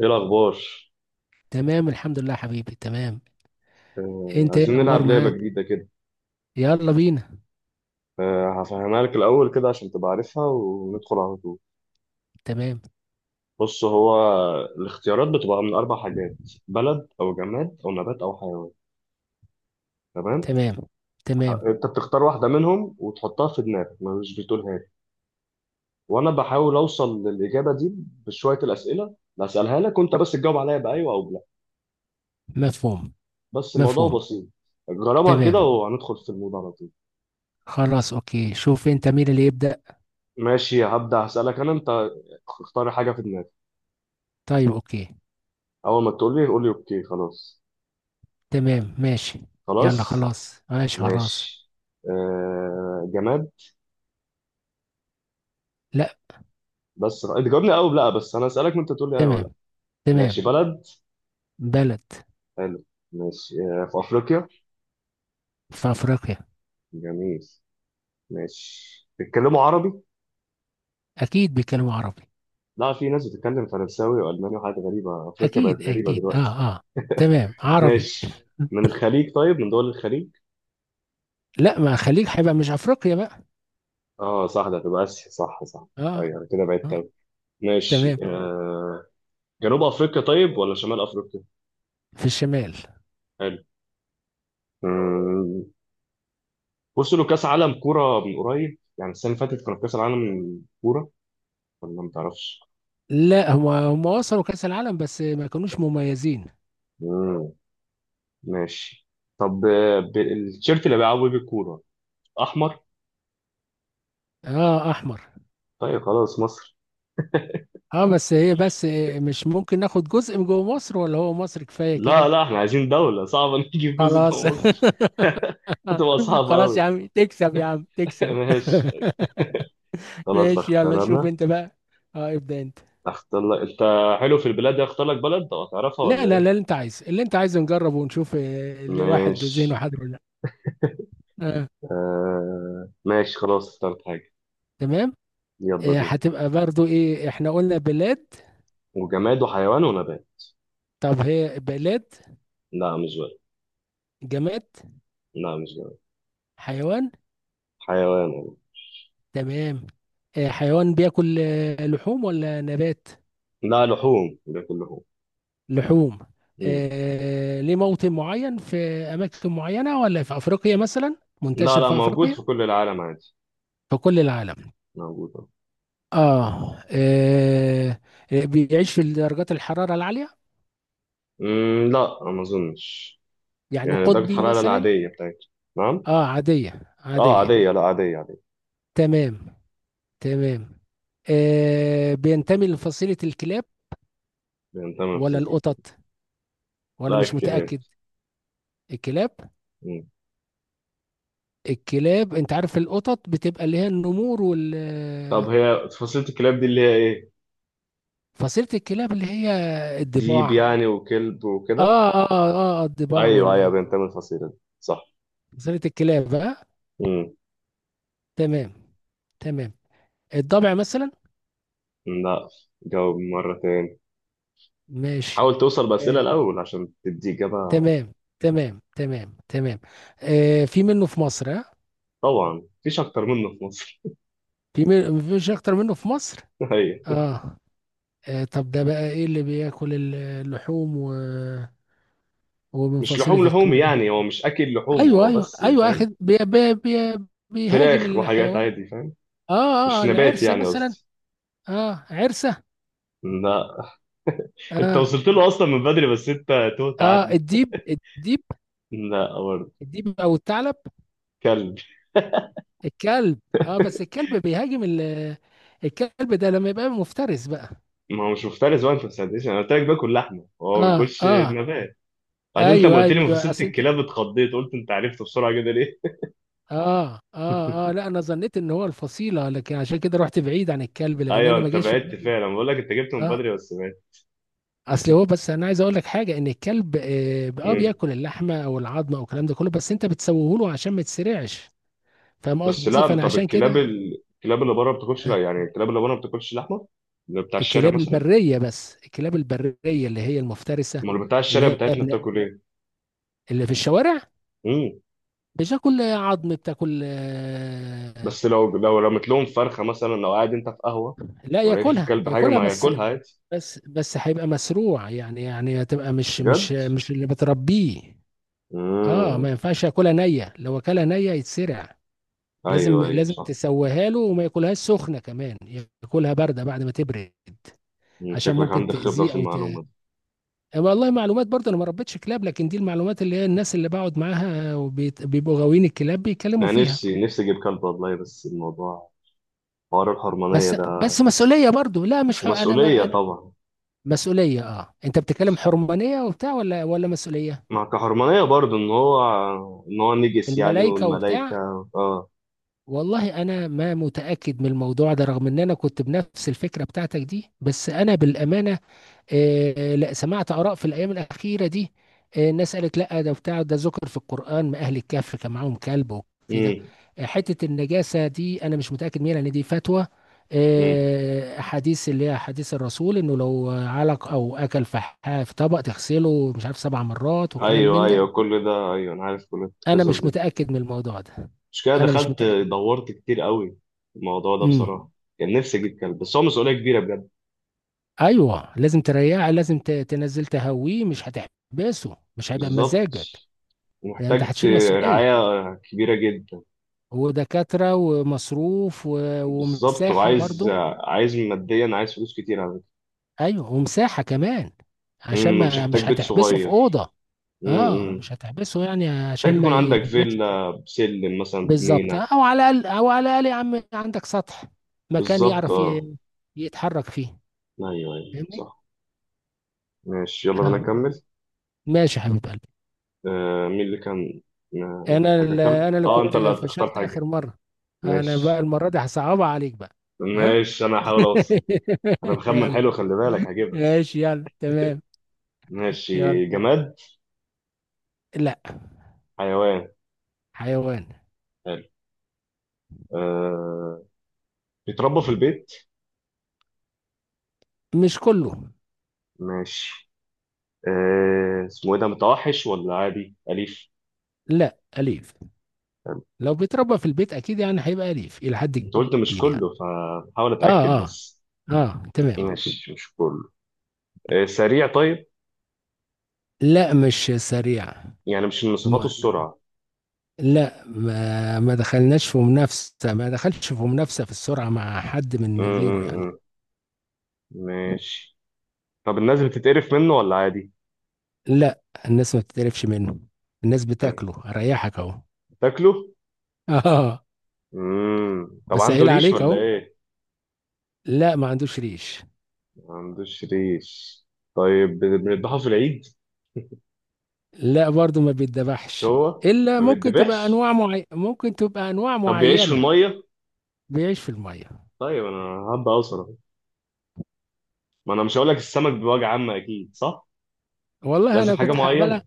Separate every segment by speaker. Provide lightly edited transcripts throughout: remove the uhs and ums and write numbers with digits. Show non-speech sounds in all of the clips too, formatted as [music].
Speaker 1: ايه الاخبار؟
Speaker 2: تمام، الحمد لله يا حبيبي، تمام. انت، ايه
Speaker 1: عايزين
Speaker 2: الاخبار
Speaker 1: نلعب لعبه
Speaker 2: معاك؟
Speaker 1: جديده كده.
Speaker 2: يلا بينا.
Speaker 1: هفهمها لك الاول كده عشان تبقى عارفها وندخل على طول.
Speaker 2: تمام.
Speaker 1: بص، هو الاختيارات بتبقى من اربع حاجات: بلد او جماد او نبات او حيوان. تمام؟
Speaker 2: تمام. تمام.
Speaker 1: انت بتختار واحده منهم وتحطها في دماغك، ما مش بتقولها لي، وانا بحاول اوصل للاجابه دي بشويه الاسئله بسالها لك، وانت بس تجاوب عليها بايوه او بلا.
Speaker 2: مفهوم.
Speaker 1: بس
Speaker 2: مفهوم.
Speaker 1: الموضوع بسيط. جربها كده
Speaker 2: تمام.
Speaker 1: وهندخل في الموضوع على طول.
Speaker 2: خلاص، اوكي، شوف انت مين اللي يبدأ.
Speaker 1: ماشي، هبدا هسالك انا انت. اختار حاجه في دماغك،
Speaker 2: طيب، اوكي.
Speaker 1: اول ما تقول لي قول لي اوكي خلاص.
Speaker 2: تمام، ماشي. يلا
Speaker 1: خلاص؟
Speaker 2: خلاص، ماشي خلاص.
Speaker 1: ماشي. جماد؟
Speaker 2: لا.
Speaker 1: بس انت جاوبني اه ولا لا، بس انا اسالك وانت تقول لي اه ولا
Speaker 2: تمام.
Speaker 1: لا. ماشي،
Speaker 2: تمام.
Speaker 1: بلد؟
Speaker 2: بلد.
Speaker 1: حلو. ماشي، في افريقيا؟
Speaker 2: في افريقيا.
Speaker 1: جميل. ماشي، بيتكلموا عربي؟
Speaker 2: اكيد بيتكلموا عربي.
Speaker 1: لا، في ناس بتتكلم فرنساوي والماني وحاجات غريبه، افريقيا بقت
Speaker 2: اكيد
Speaker 1: غريبه
Speaker 2: اكيد،
Speaker 1: دلوقتي.
Speaker 2: اه، اه. تمام، عربي.
Speaker 1: ماشي، من الخليج؟ طيب، من دول الخليج؟
Speaker 2: لا، ما خليك، هيبقى مش افريقيا بقى.
Speaker 1: اه صح، ده هتبقى اسيا، صح صح.
Speaker 2: اه،
Speaker 1: ايوه أنا كده بعدت
Speaker 2: اه.
Speaker 1: أوي. ماشي.
Speaker 2: تمام.
Speaker 1: جنوب افريقيا، طيب، ولا شمال افريقيا؟
Speaker 2: في الشمال.
Speaker 1: حلو. آه، بص، له كاس عالم كوره من قريب، يعني السنه اللي فاتت كان كاس العالم كوره، ولا ما تعرفش؟
Speaker 2: لا، هم وصلوا كأس العالم بس ما كانوش مميزين.
Speaker 1: مم. ماشي. طب، التيشيرت اللي بيلعبوا بيه الكوره احمر؟
Speaker 2: اه، احمر.
Speaker 1: طيب، خلاص، مصر؟
Speaker 2: اه، بس هي بس إيه، مش ممكن ناخد جزء من جوه مصر، ولا هو مصر كفاية
Speaker 1: لا
Speaker 2: كده؟
Speaker 1: لا، احنا عايزين دوله صعبه، نجيب جزء
Speaker 2: خلاص [laughs]
Speaker 1: جوه مصر. [laughs] هتبقى صعبه
Speaker 2: خلاص يا
Speaker 1: قوي.
Speaker 2: عم تكسب، يا عم
Speaker 1: [laughs]
Speaker 2: تكسب.
Speaker 1: ماشي.
Speaker 2: [laughs]
Speaker 1: خلاص،
Speaker 2: ماشي، يلا
Speaker 1: اختار
Speaker 2: شوف
Speaker 1: انا.
Speaker 2: انت بقى. اه، ابدأ انت.
Speaker 1: اختار لك انت. حلو، في البلاد دي اختار لك بلد، او هتعرفها
Speaker 2: لا
Speaker 1: ولا
Speaker 2: لا
Speaker 1: ايه؟
Speaker 2: لا، اللي انت عايزه نجربه ونشوف، اللي واحد ذهنه
Speaker 1: ماشي.
Speaker 2: حاضر ولا لا. آه.
Speaker 1: ماشي، خلاص اخترت حاجه.
Speaker 2: تمام.
Speaker 1: يلا بينا.
Speaker 2: هتبقى برضو ايه، احنا قلنا بلاد.
Speaker 1: وجماد وحيوان ونبات.
Speaker 2: طب هي بلاد.
Speaker 1: لا، مش بلد.
Speaker 2: جماد.
Speaker 1: لا، مش بلد.
Speaker 2: حيوان.
Speaker 1: حيوان والله.
Speaker 2: تمام. حيوان بياكل لحوم ولا نبات؟
Speaker 1: لا، لحوم، بياكل لحوم.
Speaker 2: لحوم.
Speaker 1: مم.
Speaker 2: ليه موطن معين في أماكن معينة، ولا في أفريقيا مثلا
Speaker 1: لا
Speaker 2: منتشر
Speaker 1: لا،
Speaker 2: في
Speaker 1: موجود
Speaker 2: أفريقيا؟
Speaker 1: في كل العالم عادي.
Speaker 2: في كل العالم.
Speaker 1: موجود
Speaker 2: آه، آه. بيعيش في درجات الحرارة العالية،
Speaker 1: لا ما اظنش.
Speaker 2: يعني
Speaker 1: يعني درجة
Speaker 2: قطبي
Speaker 1: الحرارة
Speaker 2: مثلا؟
Speaker 1: العادية بتاعتي. نعم.
Speaker 2: آه، عادية
Speaker 1: اه
Speaker 2: عادية.
Speaker 1: عادية، لا عادية عادية.
Speaker 2: تمام. تمام. بينتمي لفصيلة الكلاب
Speaker 1: بينتمي في
Speaker 2: ولا
Speaker 1: فصيلة الكلاب.
Speaker 2: القطط، ولا
Speaker 1: لا،
Speaker 2: مش
Speaker 1: الكلاب.
Speaker 2: متأكد؟ الكلاب.
Speaker 1: مم.
Speaker 2: الكلاب، انت عارف القطط بتبقى اللي هي النمور
Speaker 1: طب، هي فصيلة الكلاب دي اللي هي ايه؟
Speaker 2: فصيلة الكلاب اللي هي
Speaker 1: ديب
Speaker 2: الضباع.
Speaker 1: يعني، وكلب وكده؟
Speaker 2: اه، اه، اه، الضباع
Speaker 1: ايوه ايوه، بينتمي الفصيلة دي، صح.
Speaker 2: فصيلة الكلاب، اه.
Speaker 1: مم.
Speaker 2: تمام. تمام. الضبع مثلا.
Speaker 1: لا. جاوب مرة تاني.
Speaker 2: ماشي.
Speaker 1: حاول توصل
Speaker 2: آه.
Speaker 1: بأسئلة الأول عشان تدي إجابة.
Speaker 2: تمام. تمام. تمام. تمام. في منه في مصر، اه.
Speaker 1: طبعا، مفيش أكتر منه في مصر.
Speaker 2: مفيش اكتر منه في مصر.
Speaker 1: [laughs] ايوه.
Speaker 2: اه. طب ده بقى ايه اللي بياكل اللحوم ومن
Speaker 1: مش
Speaker 2: فصيلة
Speaker 1: لحوم لحوم
Speaker 2: الكلاب؟
Speaker 1: يعني، هو مش اكل لحوم
Speaker 2: ايوه،
Speaker 1: هو،
Speaker 2: ايوه،
Speaker 1: بس
Speaker 2: ايوه،
Speaker 1: فاهم.
Speaker 2: اخد بي بيهاجم
Speaker 1: فراخ وحاجات
Speaker 2: الحيوان.
Speaker 1: عادي، فاهم.
Speaker 2: اه، اه،
Speaker 1: مش نبات
Speaker 2: العرسه
Speaker 1: يعني،
Speaker 2: مثلا.
Speaker 1: قصدي.
Speaker 2: اه، عرسه.
Speaker 1: لا. انت
Speaker 2: اه
Speaker 1: وصلت له اصلا من بدري، بس انت تهت
Speaker 2: اه.
Speaker 1: عني.
Speaker 2: الديب
Speaker 1: لا برضه.
Speaker 2: الديب او الثعلب.
Speaker 1: كلب.
Speaker 2: الكلب. اه، بس الكلب بيهاجم الكلب ده لما يبقى مفترس بقى.
Speaker 1: ما هو مش مفترس بقى، انت ما ساعدتنيش، انا قلت لك باكل لحمه، هو ما
Speaker 2: اه،
Speaker 1: بياكلش
Speaker 2: اه.
Speaker 1: نبات. بعدين انت ما
Speaker 2: ايوه،
Speaker 1: قلت لي
Speaker 2: ايوه،
Speaker 1: مفاصيلة
Speaker 2: اصل انت.
Speaker 1: الكلاب، اتخضيت قلت انت عرفت بسرعه كده ليه؟
Speaker 2: اه، اه، اه، لا، انا ظنيت ان هو الفصيله، لكن عشان كده رحت بعيد عن الكلب لان
Speaker 1: ايوه
Speaker 2: انا ما
Speaker 1: انت
Speaker 2: جاش في
Speaker 1: بعدت
Speaker 2: دماغي.
Speaker 1: فعلا، بقول لك انت جبته من
Speaker 2: اه.
Speaker 1: بدري بس بعدت.
Speaker 2: اصل هو، بس انا عايز اقول لك حاجه، ان الكلب
Speaker 1: مم.
Speaker 2: بياكل اللحمه او العظمه او الكلام ده كله، بس انت بتسويه له عشان ما يتسرعش. فاهم
Speaker 1: بس
Speaker 2: قصدي،
Speaker 1: لا،
Speaker 2: فانا
Speaker 1: طب
Speaker 2: عشان
Speaker 1: الكلاب
Speaker 2: كده
Speaker 1: الكلاب اللي بره ما بتاكلش،
Speaker 2: آه،
Speaker 1: لا يعني الكلاب اللي بره ما بتاكلش لحمه. اللي بتاع الشارع مثلا.
Speaker 2: الكلاب البريه اللي هي المفترسه.
Speaker 1: امال بتاع
Speaker 2: اللي
Speaker 1: الشارع
Speaker 2: هي
Speaker 1: بتاعتنا
Speaker 2: ابن،
Speaker 1: بتاكل ايه؟
Speaker 2: اللي في الشوارع.
Speaker 1: امم.
Speaker 2: بتاكل عظم، بتاكل
Speaker 1: بس لو رميت لهم فرخه مثلا، لو قاعد انت في قهوه
Speaker 2: لا،
Speaker 1: ولقيت
Speaker 2: ياكلها
Speaker 1: الكلب حاجه
Speaker 2: ياكلها
Speaker 1: ما
Speaker 2: بس.
Speaker 1: هياكلها عادي.
Speaker 2: بس هيبقى مسروع، يعني هتبقى مش مش
Speaker 1: بجد؟
Speaker 2: مش اللي بتربيه. اه،
Speaker 1: امم.
Speaker 2: ما ينفعش ياكلها نيه، لو اكلها نيه يتسرع. لازم
Speaker 1: ايوه ايوه
Speaker 2: لازم
Speaker 1: صح.
Speaker 2: تسويها له، وما ياكلهاش سخنه كمان، ياكلها بارده بعد ما تبرد.
Speaker 1: مم.
Speaker 2: عشان
Speaker 1: شكلك
Speaker 2: ممكن
Speaker 1: عندك خبره
Speaker 2: تاذيه
Speaker 1: في
Speaker 2: او
Speaker 1: المعلومه دي.
Speaker 2: والله معلومات، برضه انا ما ربيتش كلاب، لكن دي المعلومات اللي هي الناس اللي بقعد معاها وبيبقوا غاويين الكلاب بيتكلموا
Speaker 1: انا
Speaker 2: فيها.
Speaker 1: نفسي نفسي اجيب كلب والله، بس الموضوع حوار الحرمانيه
Speaker 2: بس
Speaker 1: ده.
Speaker 2: بس مسؤوليه برضه، لا، مش ح... انا
Speaker 1: ومسؤوليه
Speaker 2: ما انا
Speaker 1: طبعا.
Speaker 2: مسؤوليه. اه، انت بتتكلم
Speaker 1: بس
Speaker 2: حرمانيه وبتاع، ولا مسؤوليه؟
Speaker 1: مع كحرمانيه برضه ان هو نجس يعني،
Speaker 2: الملائكه وبتاع.
Speaker 1: والملائكه. اه.
Speaker 2: والله انا ما متاكد من الموضوع ده، رغم ان انا كنت بنفس الفكره بتاعتك دي، بس انا بالامانه لا، سمعت آراء في الأيام الأخيرة دي. الناس قالت لا، ده بتاع، ده ذكر في القرآن، ما أهل الكهف كان معاهم كلب وكده.
Speaker 1: امم.
Speaker 2: حتة النجاسة دي أنا مش متأكد منها، لأن دي فتوى.
Speaker 1: امم.
Speaker 2: حديث، اللي هي حديث الرسول، إنه لو علق أو أكل فحاء في طبق تغسله مش عارف سبع مرات وكلام
Speaker 1: ايوه
Speaker 2: من ده.
Speaker 1: ايوه كل ده، ايوه انا عارف كل
Speaker 2: أنا
Speaker 1: القصص
Speaker 2: مش
Speaker 1: دي.
Speaker 2: متأكد من الموضوع ده.
Speaker 1: مش كده،
Speaker 2: أنا مش
Speaker 1: دخلت
Speaker 2: متأكد.
Speaker 1: دورت كتير قوي في الموضوع ده
Speaker 2: امم.
Speaker 1: بصراحة. كان نفسي أجيب كلب، بس هو مسؤولية كبيرة بجد.
Speaker 2: أيوه، لازم تريحه، لازم تنزل تهويه، مش هتحبسه، مش هيبقى
Speaker 1: بالظبط.
Speaker 2: بمزاجك. لأن أنت
Speaker 1: ومحتاج
Speaker 2: هتشيل مسؤولية،
Speaker 1: رعاية كبيرة جدا.
Speaker 2: ودكاترة ومصروف
Speaker 1: بالظبط.
Speaker 2: ومساحة
Speaker 1: وعايز
Speaker 2: برضو.
Speaker 1: عايز ماديا، عايز فلوس كتير على فكرة.
Speaker 2: ايوه، ومساحة كمان، عشان
Speaker 1: ومش
Speaker 2: ما
Speaker 1: هحتاج
Speaker 2: مش
Speaker 1: بيت
Speaker 2: هتحبسه في
Speaker 1: صغير.
Speaker 2: أوضة. اه،
Speaker 1: أمم.
Speaker 2: مش هتحبسه يعني
Speaker 1: محتاج
Speaker 2: عشان ما
Speaker 1: يكون عندك
Speaker 2: يرملش.
Speaker 1: فيلا بسلم مثلا،
Speaker 2: بالظبط،
Speaker 1: بجنينة.
Speaker 2: او على الاقل يا عم، عندك سطح، مكان
Speaker 1: بالظبط
Speaker 2: يعرف
Speaker 1: اه.
Speaker 2: يتحرك فيه.
Speaker 1: أيوه أيوه
Speaker 2: فاهمني؟
Speaker 1: صح. ماشي، يلا بينا
Speaker 2: آه.
Speaker 1: نكمل.
Speaker 2: ماشي يا حبيب قلبي.
Speaker 1: مين اللي كان، ما في حاجة، كلب
Speaker 2: انا اللي
Speaker 1: اه، أنت
Speaker 2: كنت
Speaker 1: اللي هتختار
Speaker 2: فشلت اخر
Speaker 1: حاجة.
Speaker 2: مرة. انا بقى
Speaker 1: ماشي.
Speaker 2: المرة دي هصعبها عليك بقى. ها.
Speaker 1: ماشي، أنا هحاول أوصل. انا
Speaker 2: [laughs]
Speaker 1: بخمن
Speaker 2: يلا.
Speaker 1: حلو، خلي بالك هجيبها.
Speaker 2: ماشي، يلا تمام. يلا.
Speaker 1: ماشي، جماد؟ حيوان؟
Speaker 2: حيوان.
Speaker 1: حلو. أه... بيتربى في البيت؟
Speaker 2: مش كله.
Speaker 1: ماشي. اسمه ايه ده، متوحش ولا عادي اليف؟
Speaker 2: لا، أليف.
Speaker 1: حلو.
Speaker 2: لو بيتربى في البيت أكيد، يعني هيبقى أليف إلى حد
Speaker 1: انت قلت مش
Speaker 2: كبير يعني.
Speaker 1: كله، فبحاول
Speaker 2: آه،
Speaker 1: اتاكد
Speaker 2: آه،
Speaker 1: بس.
Speaker 2: آه، تمام.
Speaker 1: ماشي، مش كله. سريع، طيب؟
Speaker 2: لا، مش سريع.
Speaker 1: يعني مش من صفاته
Speaker 2: م-
Speaker 1: السرعه.
Speaker 2: لا، ما دخلش في منافسة في السرعة مع حد
Speaker 1: م
Speaker 2: من غيره يعني.
Speaker 1: -م -م. ماشي. طب، الناس بتتقرف منه ولا عادي؟
Speaker 2: لا، الناس ما بتتقرفش منه، الناس
Speaker 1: حلو.
Speaker 2: بتاكله، أريحك أهو. [laughs]
Speaker 1: تاكله؟
Speaker 2: آه.
Speaker 1: مم. طب عنده
Speaker 2: بسهل
Speaker 1: ريش
Speaker 2: عليك
Speaker 1: ولا
Speaker 2: أهو.
Speaker 1: ايه؟
Speaker 2: لا، ما عندوش ريش.
Speaker 1: ما عندوش ريش. طيب، بنذبحه في العيد؟
Speaker 2: لا، برضو ما
Speaker 1: مش
Speaker 2: بيتذبحش.
Speaker 1: هو.
Speaker 2: الا
Speaker 1: ما
Speaker 2: ممكن تبقى
Speaker 1: بيتذبحش.
Speaker 2: ممكن تبقى انواع
Speaker 1: طب، بيعيش في
Speaker 2: معينه.
Speaker 1: الميه؟
Speaker 2: بيعيش في الميه.
Speaker 1: طيب انا هبقى اوصل اهو. ما انا مش هقول لك السمك بوجه عامه، اكيد صح؟
Speaker 2: والله
Speaker 1: لازم
Speaker 2: انا
Speaker 1: حاجه
Speaker 2: كنت هقبلها،
Speaker 1: معينه.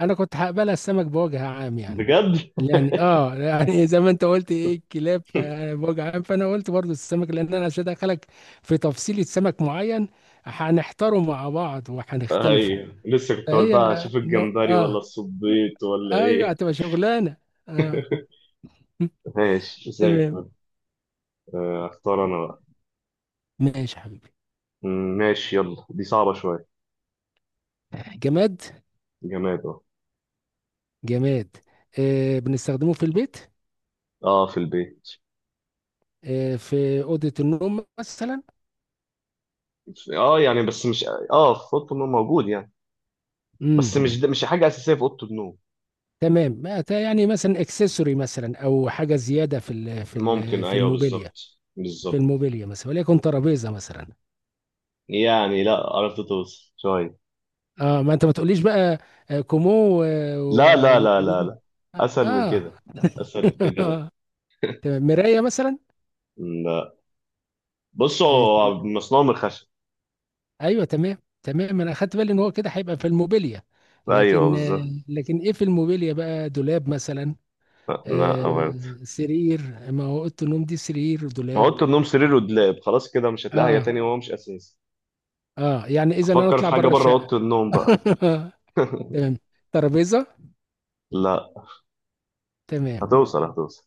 Speaker 2: انا كنت هقبلها السمك بوجه عام يعني.
Speaker 1: بجد؟
Speaker 2: [laughs] زي ما انت قلت ايه الكلاب
Speaker 1: [laughs]
Speaker 2: بوجه عام، فانا قلت برضو السمك، لان انا عشان ادخلك في تفصيلة سمك معين، هنحتاره مع بعض وهنختلفه.
Speaker 1: ايوه، لسه كنت اقول
Speaker 2: فهي
Speaker 1: بقى اشوف الجمبري ولا
Speaker 2: اه،
Speaker 1: الصبيط ولا
Speaker 2: ايوه،
Speaker 1: ايه.
Speaker 2: هتبقى شغلانه. اه.
Speaker 1: [laughs]
Speaker 2: [laughs]
Speaker 1: ماشي زي
Speaker 2: تمام.
Speaker 1: الفل. اختار انا بقى.
Speaker 2: ماشي يا حبيبي.
Speaker 1: ماشي، يلا دي صعبه شويه.
Speaker 2: جماد.
Speaker 1: جماد اه.
Speaker 2: جماد. بنستخدمه في البيت.
Speaker 1: اه في البيت.
Speaker 2: في أوضة النوم مثلا.
Speaker 1: اه يعني بس مش، اه في اوضه النوم موجود يعني، بس
Speaker 2: امم.
Speaker 1: مش، ده مش حاجه اساسيه في اوضه النوم.
Speaker 2: تمام. يعني مثلا اكسسوري مثلا، او حاجة زيادة
Speaker 1: ممكن
Speaker 2: في
Speaker 1: ايوه
Speaker 2: الموبيليا.
Speaker 1: بالظبط.
Speaker 2: في
Speaker 1: بالظبط.
Speaker 2: الموبيليا مثلا، وليكن ترابيزة مثلا.
Speaker 1: يعني لا، عرفت توصل شوية.
Speaker 2: اه، ما انت ما تقوليش بقى. كومو و-
Speaker 1: لا لا لا لا
Speaker 2: وكومودي.
Speaker 1: لا. أسهل من
Speaker 2: اه.
Speaker 1: كده. أسهل من كده، لا.
Speaker 2: [laughs] تمام، مراية مثلا.
Speaker 1: لا. بص،
Speaker 2: آه،
Speaker 1: هو
Speaker 2: تمام.
Speaker 1: مصنوع من الخشب.
Speaker 2: ايوه، تمام تمام، انا اخدت بالي ان هو كده هيبقى في الموبيليا،
Speaker 1: أيوه
Speaker 2: لكن
Speaker 1: بالظبط.
Speaker 2: لكن ايه في الموبيليا بقى، دولاب مثلا.
Speaker 1: لا لا، أمان.
Speaker 2: سرير، ما هو اوضه النوم دي سرير
Speaker 1: ما
Speaker 2: دولاب.
Speaker 1: أوضة النوم سرير ودولاب، خلاص كده مش هتلاقي حاجة
Speaker 2: اه،
Speaker 1: تانية، وهو مش أساسي.
Speaker 2: اه، يعني اذا انا
Speaker 1: أفكر في
Speaker 2: اطلع
Speaker 1: حاجة
Speaker 2: بره
Speaker 1: بره
Speaker 2: الشقه.
Speaker 1: أوضة النوم بقى.
Speaker 2: [laughs] تمام. ترابيزه.
Speaker 1: لا.
Speaker 2: تمام.
Speaker 1: هتوصل هتوصل.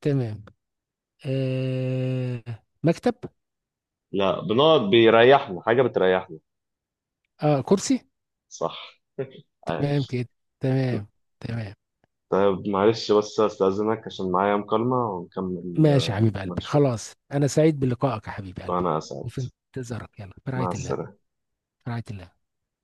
Speaker 2: تمام. آه مكتب.
Speaker 1: لا، بنقعد بيريحنا، حاجة بتريحنا.
Speaker 2: اه، كرسي.
Speaker 1: صح. [laughs]
Speaker 2: تمام
Speaker 1: عاش.
Speaker 2: كده. تمام. تمام.
Speaker 1: طيب معلش بس، أستأذنك عشان معايا مكالمة ونكمل
Speaker 2: ماشي يا حبيب
Speaker 1: كمان
Speaker 2: قلبي،
Speaker 1: شوية.
Speaker 2: خلاص، انا سعيد بلقائك يا حبيب قلبي.
Speaker 1: وأنا أسعد.
Speaker 2: وفي انتظارك، يلا، في رعايه
Speaker 1: مع
Speaker 2: الله.
Speaker 1: السلامة.
Speaker 2: في رعايه الله.